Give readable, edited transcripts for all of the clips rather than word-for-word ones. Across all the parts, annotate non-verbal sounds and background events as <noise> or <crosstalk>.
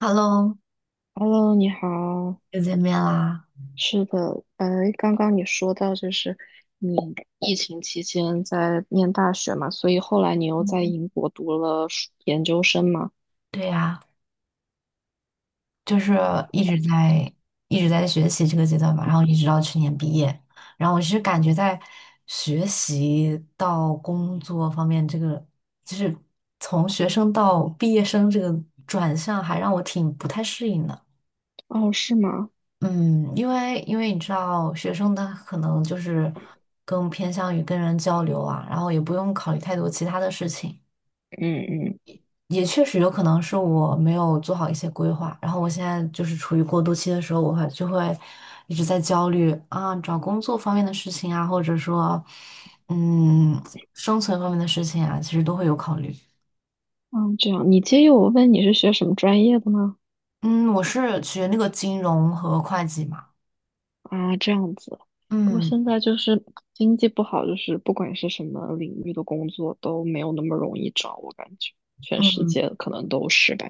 Hello，Hello，你好。又见面啦。是的，刚刚你说到就是你疫情期间在念大学嘛，所以后来你又在嗯，英国读了硕研究生嘛？对呀，就是一直在一直在学习这个阶段吧，然后一直到去年毕业。然后我其实感觉在学习到工作方面，这个就是从学生到毕业生这个转向，还让我挺不太适应的。哦，是吗？嗯，因为你知道，学生他可能就是更偏向于跟人交流啊，然后也不用考虑太多其他的事情。嗯嗯也确实有可能是我没有做好一些规划，然后我现在就是处于过渡期的时候，我会就会一直在焦虑啊，找工作方面的事情啊，或者说，嗯，生存方面的事情啊，其实都会有考虑。嗯，这样。你介意我问你是学什么专业的吗？嗯，我是学那个金融和会计嘛。啊，这样子。不过嗯现在就是经济不好，就是不管是什么领域的工作都没有那么容易找，我感觉全世嗯，界可能都是吧。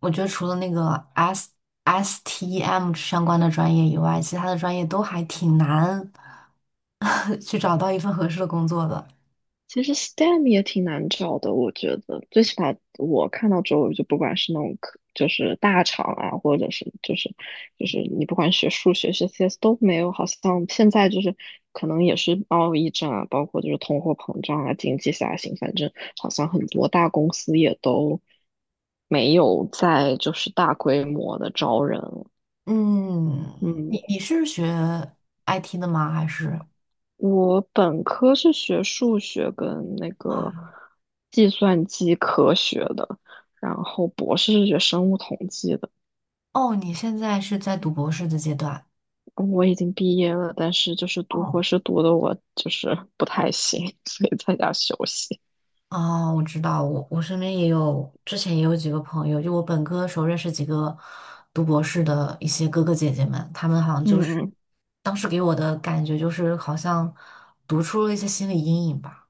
我觉得除了那个 STEM 相关的专业以外，其他的专业都还挺难 <laughs> 去找到一份合适的工作的。其实 STEM 也挺难找的，我觉得最起码我看到周围就不管是那种科，就是大厂啊，或者是就是你不管学数学、学 CS 都没有，好像现在就是可能也是贸易战啊，包括就是通货膨胀啊、经济下行，反正好像很多大公司也都没有在就是大规模的招人。嗯，嗯，你是学 IT 的吗？还是我本科是学数学跟那个啊？计算机科学的，然后博士是学生物统计的。哦，你现在是在读博士的阶段。嗯，我已经毕业了，但是就是读哦，博士读的我就是不太行，<laughs> 所以在家休息。哦，我知道，我身边也有，之前也有几个朋友，就我本科的时候认识几个读博士的一些哥哥姐姐们，他们好像就嗯是嗯，当时给我的感觉就是好像读出了一些心理阴影吧。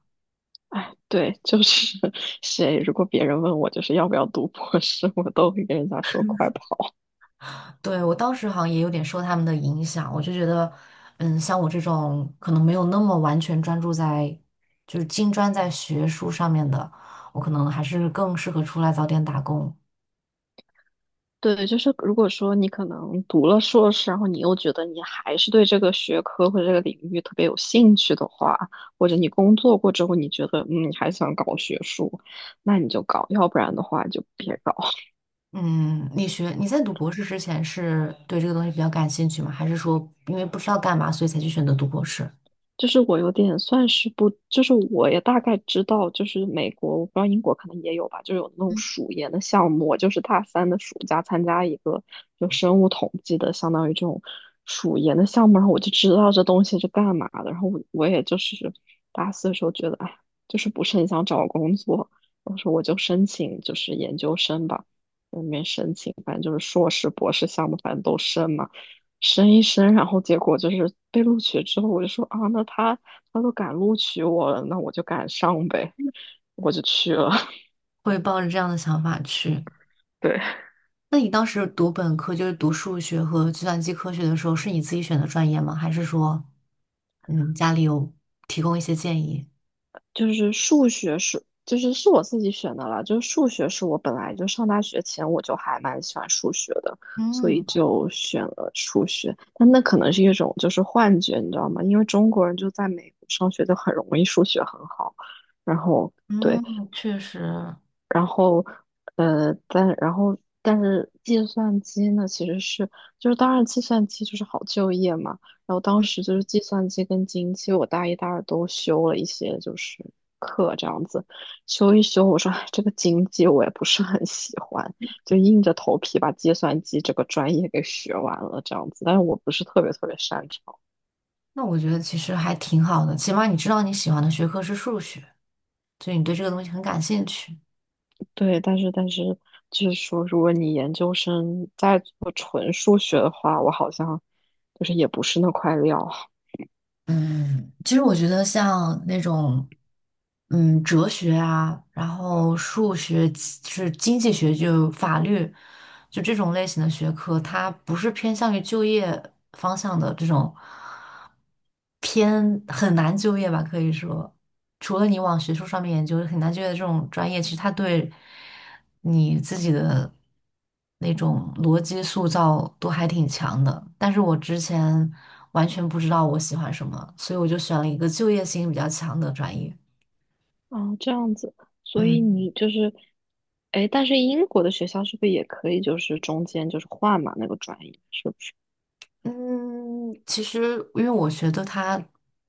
对，就是 <laughs> 谁如果别人问我就是要不要读博士，<laughs> 我都会跟人家说快跑。对，我当时好像也有点受他们的影响，我就觉得，像我这种可能没有那么完全专注在，就是精专在学术上面的，我可能还是更适合出来早点打工。对，就是如果说你可能读了硕士，然后你又觉得你还是对这个学科或者这个领域特别有兴趣的话，或者你工作过之后，你觉得嗯，你还想搞学术，那你就搞，要不然的话就别搞。嗯，你在读博士之前是对这个东西比较感兴趣吗？还是说因为不知道干嘛，所以才去选择读博士？就是我有点算是不，就是我也大概知道，就是美国，我不知道英国可能也有吧，就有那种暑研的项目。我就是大三的暑假参加一个就生物统计的，相当于这种暑研的项目，然后我就知道这东西是干嘛的。然后我也就是大四的时候觉得，哎，就是不是很想找工作，我说我就申请就是研究生吧，在里面申请，反正就是硕士、博士项目，反正都申嘛。申一申，然后结果就是被录取之后，我就说啊，那他都敢录取我了，那我就敢上呗，我就去了。<laughs> 会抱着这样的想法去？对，那你当时读本科，就是读数学和计算机科学的时候，是你自己选的专业吗？还是说，嗯，家里有提供一些建议？就是数学是，就是是我自己选的啦，就是数学是我本来就上大学前我就还蛮喜欢数学的，所以嗯就选了数学。但那可能是一种就是幻觉，你知道吗？因为中国人就在美国上学就很容易数学很好，然后。对，嗯，确实，然后，但然后但是计算机呢，其实是就是当然计算机就是好就业嘛。然后当嗯，时就是计算机跟经济，我大一大二都修了一些就是课这样子，修一修，我说哎，这个经济我也不是很喜欢，就硬着头皮把计算机这个专业给学完了这样子。但是我不是特别特别擅长。那我觉得其实还挺好的，起码你知道你喜欢的学科是数学，所以你对这个东西很感兴趣。对，但是就是说，如果你研究生在做纯数学的话，我好像就是也不是那块料啊。嗯其实我觉得像那种，哲学啊，然后数学、是经济学，就法律。就这种类型的学科，它不是偏向于就业方向的这种偏很难就业吧，可以说，除了你往学术上面研究很难就业的这种专业，其实它对你自己的那种逻辑塑造都还挺强的。但是我之前完全不知道我喜欢什么，所以我就选了一个就业性比较强的专业。哦，这样子，所以嗯。你就是，哎，但是英国的学校是不是也可以，就是中间就是换嘛那个专业，是不是？嗯，其实因为我学的它，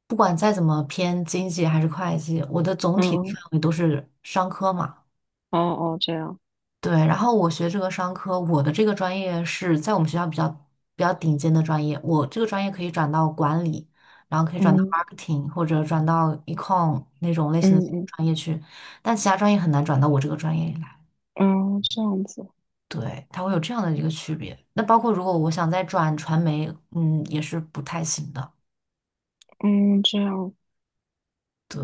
不管再怎么偏经济还是会计，我的总体范嗯，围都是商科嘛。哦哦，这样，对，然后我学这个商科，我的这个专业是在我们学校比较顶尖的专业，我这个专业可以转到管理，然后可以转到 嗯 marketing 或者转到 econ 那种类型的嗯专业去，但其他专业很难转到我这个专业里来。嗯，哦，这样子，对，它会有这样的一个区别。那包括如果我想再转传媒，也是不太行的。嗯，这样，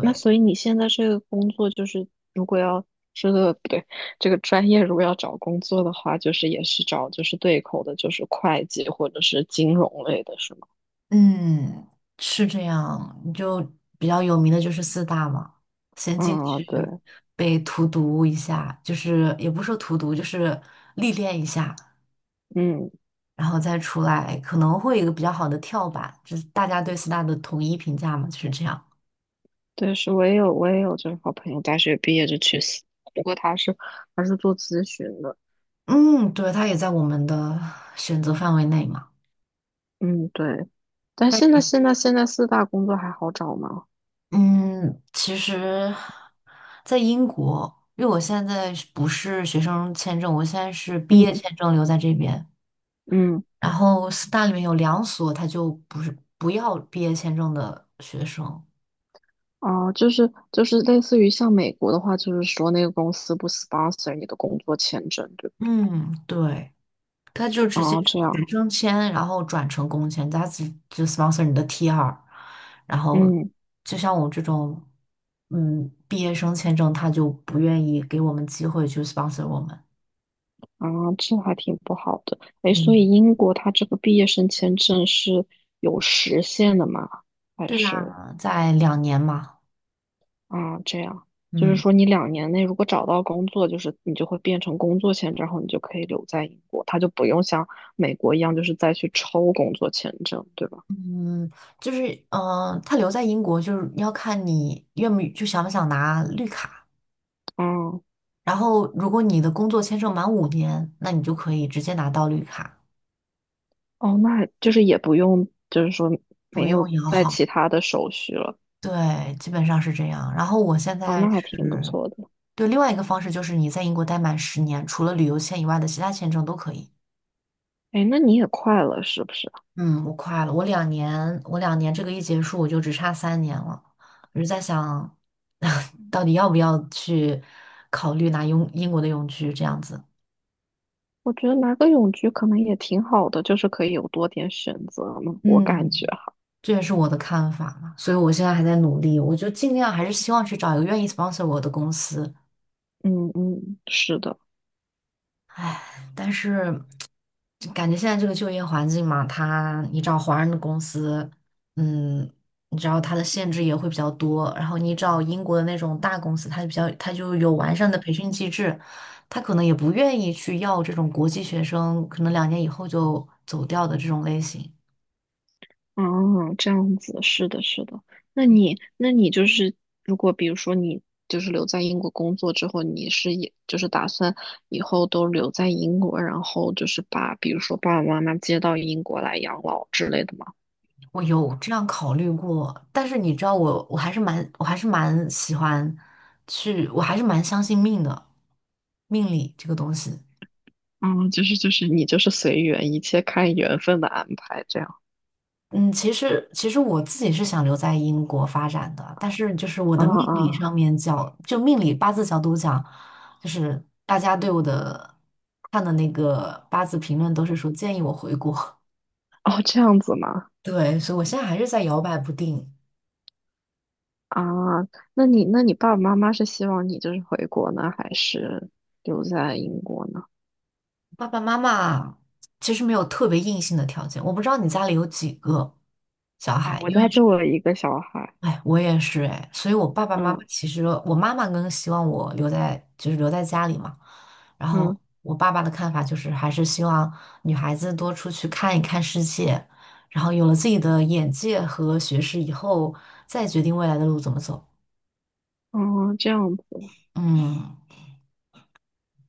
那所以你现在这个工作就是，如果要这个不对，这个专业如果要找工作的话，就是也是找就是对口的，就是会计或者是金融类的，是吗？嗯，是这样，你就比较有名的就是四大嘛，先进啊，对，去被荼毒一下，就是也不是说荼毒，就是历练一下，嗯，然后再出来，可能会有一个比较好的跳板，就是大家对四大的统一评价嘛，就是这样。对，是我也有就是好朋友大学毕业就去死，不过他是做咨询的，嗯，对，它也在我们的选择范围内嘛。嗯，对。但但现在四大工作还好找吗？嗯，其实，在英国，因为我现在是不是学生签证，我现在是毕业嗯签证留在这边。嗯，然后四大里面有两所，他就不是不要毕业签证的学生。哦、就是就是类似于像美国的话，就是说那个公司不 sponsor 你的工作签证。对嗯，对，他就直接哦，就这学样，生签，然后转成工签，他只就 sponsor 你的 T2，然后嗯，就像我这种，毕业生签证，他就不愿意给我们机会去 sponsor 我们。啊，这还挺不好的。哎，所嗯，以英国它这个毕业生签证是有时限的吗？还对是啊，在2年嘛。啊，这样，就是嗯说你两年内如果找到工作，就是你就会变成工作签证，然后你就可以留在英国，它就不用像美国一样，就是再去抽工作签证，对吧？嗯，就是他留在英国，就是要看你愿不就想不想拿绿卡。哦，然后，如果你的工作签证满5年，那你就可以直接拿到绿卡，哦，那就是也不用，就是说不没用有摇在号。其他的手续了。对，基本上是这样。然后我现哦，在那还挺不是，错的。对，另外一个方式就是你在英国待满10年，除了旅游签以外的其他签证都可以。哎，那你也快了，是不是？嗯，我快了，我两年这个一结束，我就只差三年了。我就在想，<laughs> 到底要不要去考虑拿英国的永居这样子？我觉得拿个泳局可能也挺好的，就是可以有多点选择嘛，我感觉嗯，啊，这也是我的看法嘛，所以我现在还在努力，我就尽量还是希望去找一个愿意 sponsor 我的公司。嗯嗯，是的，唉，但是就感觉现在这个就业环境嘛，它你找华人的公司，嗯，你知道它的限制也会比较多，然后你找英国的那种大公司，它就比较它就有完善的培训机制，它可能也不愿意去要这种国际学生，可能2年以后就走掉的这种类型。嗯，这样子，是的，是的。那你，那你就是，如果比如说你就是留在英国工作之后，你是也就是打算以后都留在英国，然后就是把比如说爸爸妈妈接到英国来养老之类的吗？我有这样考虑过，但是你知道我，我还是蛮喜欢去，我还是蛮相信命的，命理这个东西。嗯，就是就是你就是随缘，一切看缘分的安排这样。嗯，其实我自己是想留在英国发展的，但是就是我嗯的命理嗯，上面角，就命理八字角度讲，就是大家对我的看的那个八字评论都是说建议我回国，哦，这样子吗？<laughs> 对，所以我现在还是在摇摆不定。啊，那你爸爸妈妈是希望你就是回国呢，还是留在英国呢？爸爸妈妈其实没有特别硬性的条件，我不知道你家里有几个小啊，孩，我因为家就我是，一个小孩，哎，我也是哎，所以我爸爸妈妈嗯，其实我妈妈更希望我留在家里嘛，然后嗯，我爸爸的看法就是还是希望女孩子多出去看一看世界，然后有了自己的眼界和学识以后，再决定未来的路怎么走。哦，这样子，嗯。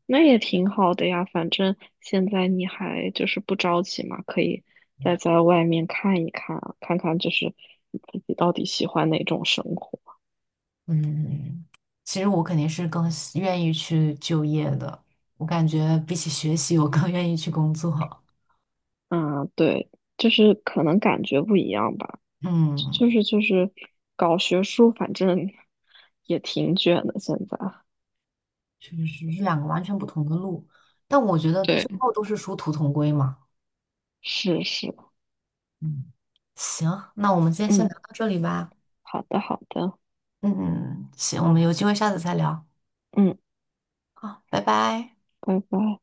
那也挺好的呀。反正现在你还就是不着急嘛，可以再在外面看一看啊，看看就是你自己到底喜欢哪种生活。嗯，其实我肯定是更喜愿意去就业的，我感觉比起学习，我更愿意去工作。嗯，对，就是可能感觉不一样吧。就嗯，是就是搞学术，反正也挺卷的现在。确实是两个完全不同的路，但我觉得对。最后都是殊途同归嘛。是是，嗯，行，那我们今天先聊嗯，到这里吧。好的好的，嗯行，我们有机会下次再聊。嗯，好，拜拜。拜拜。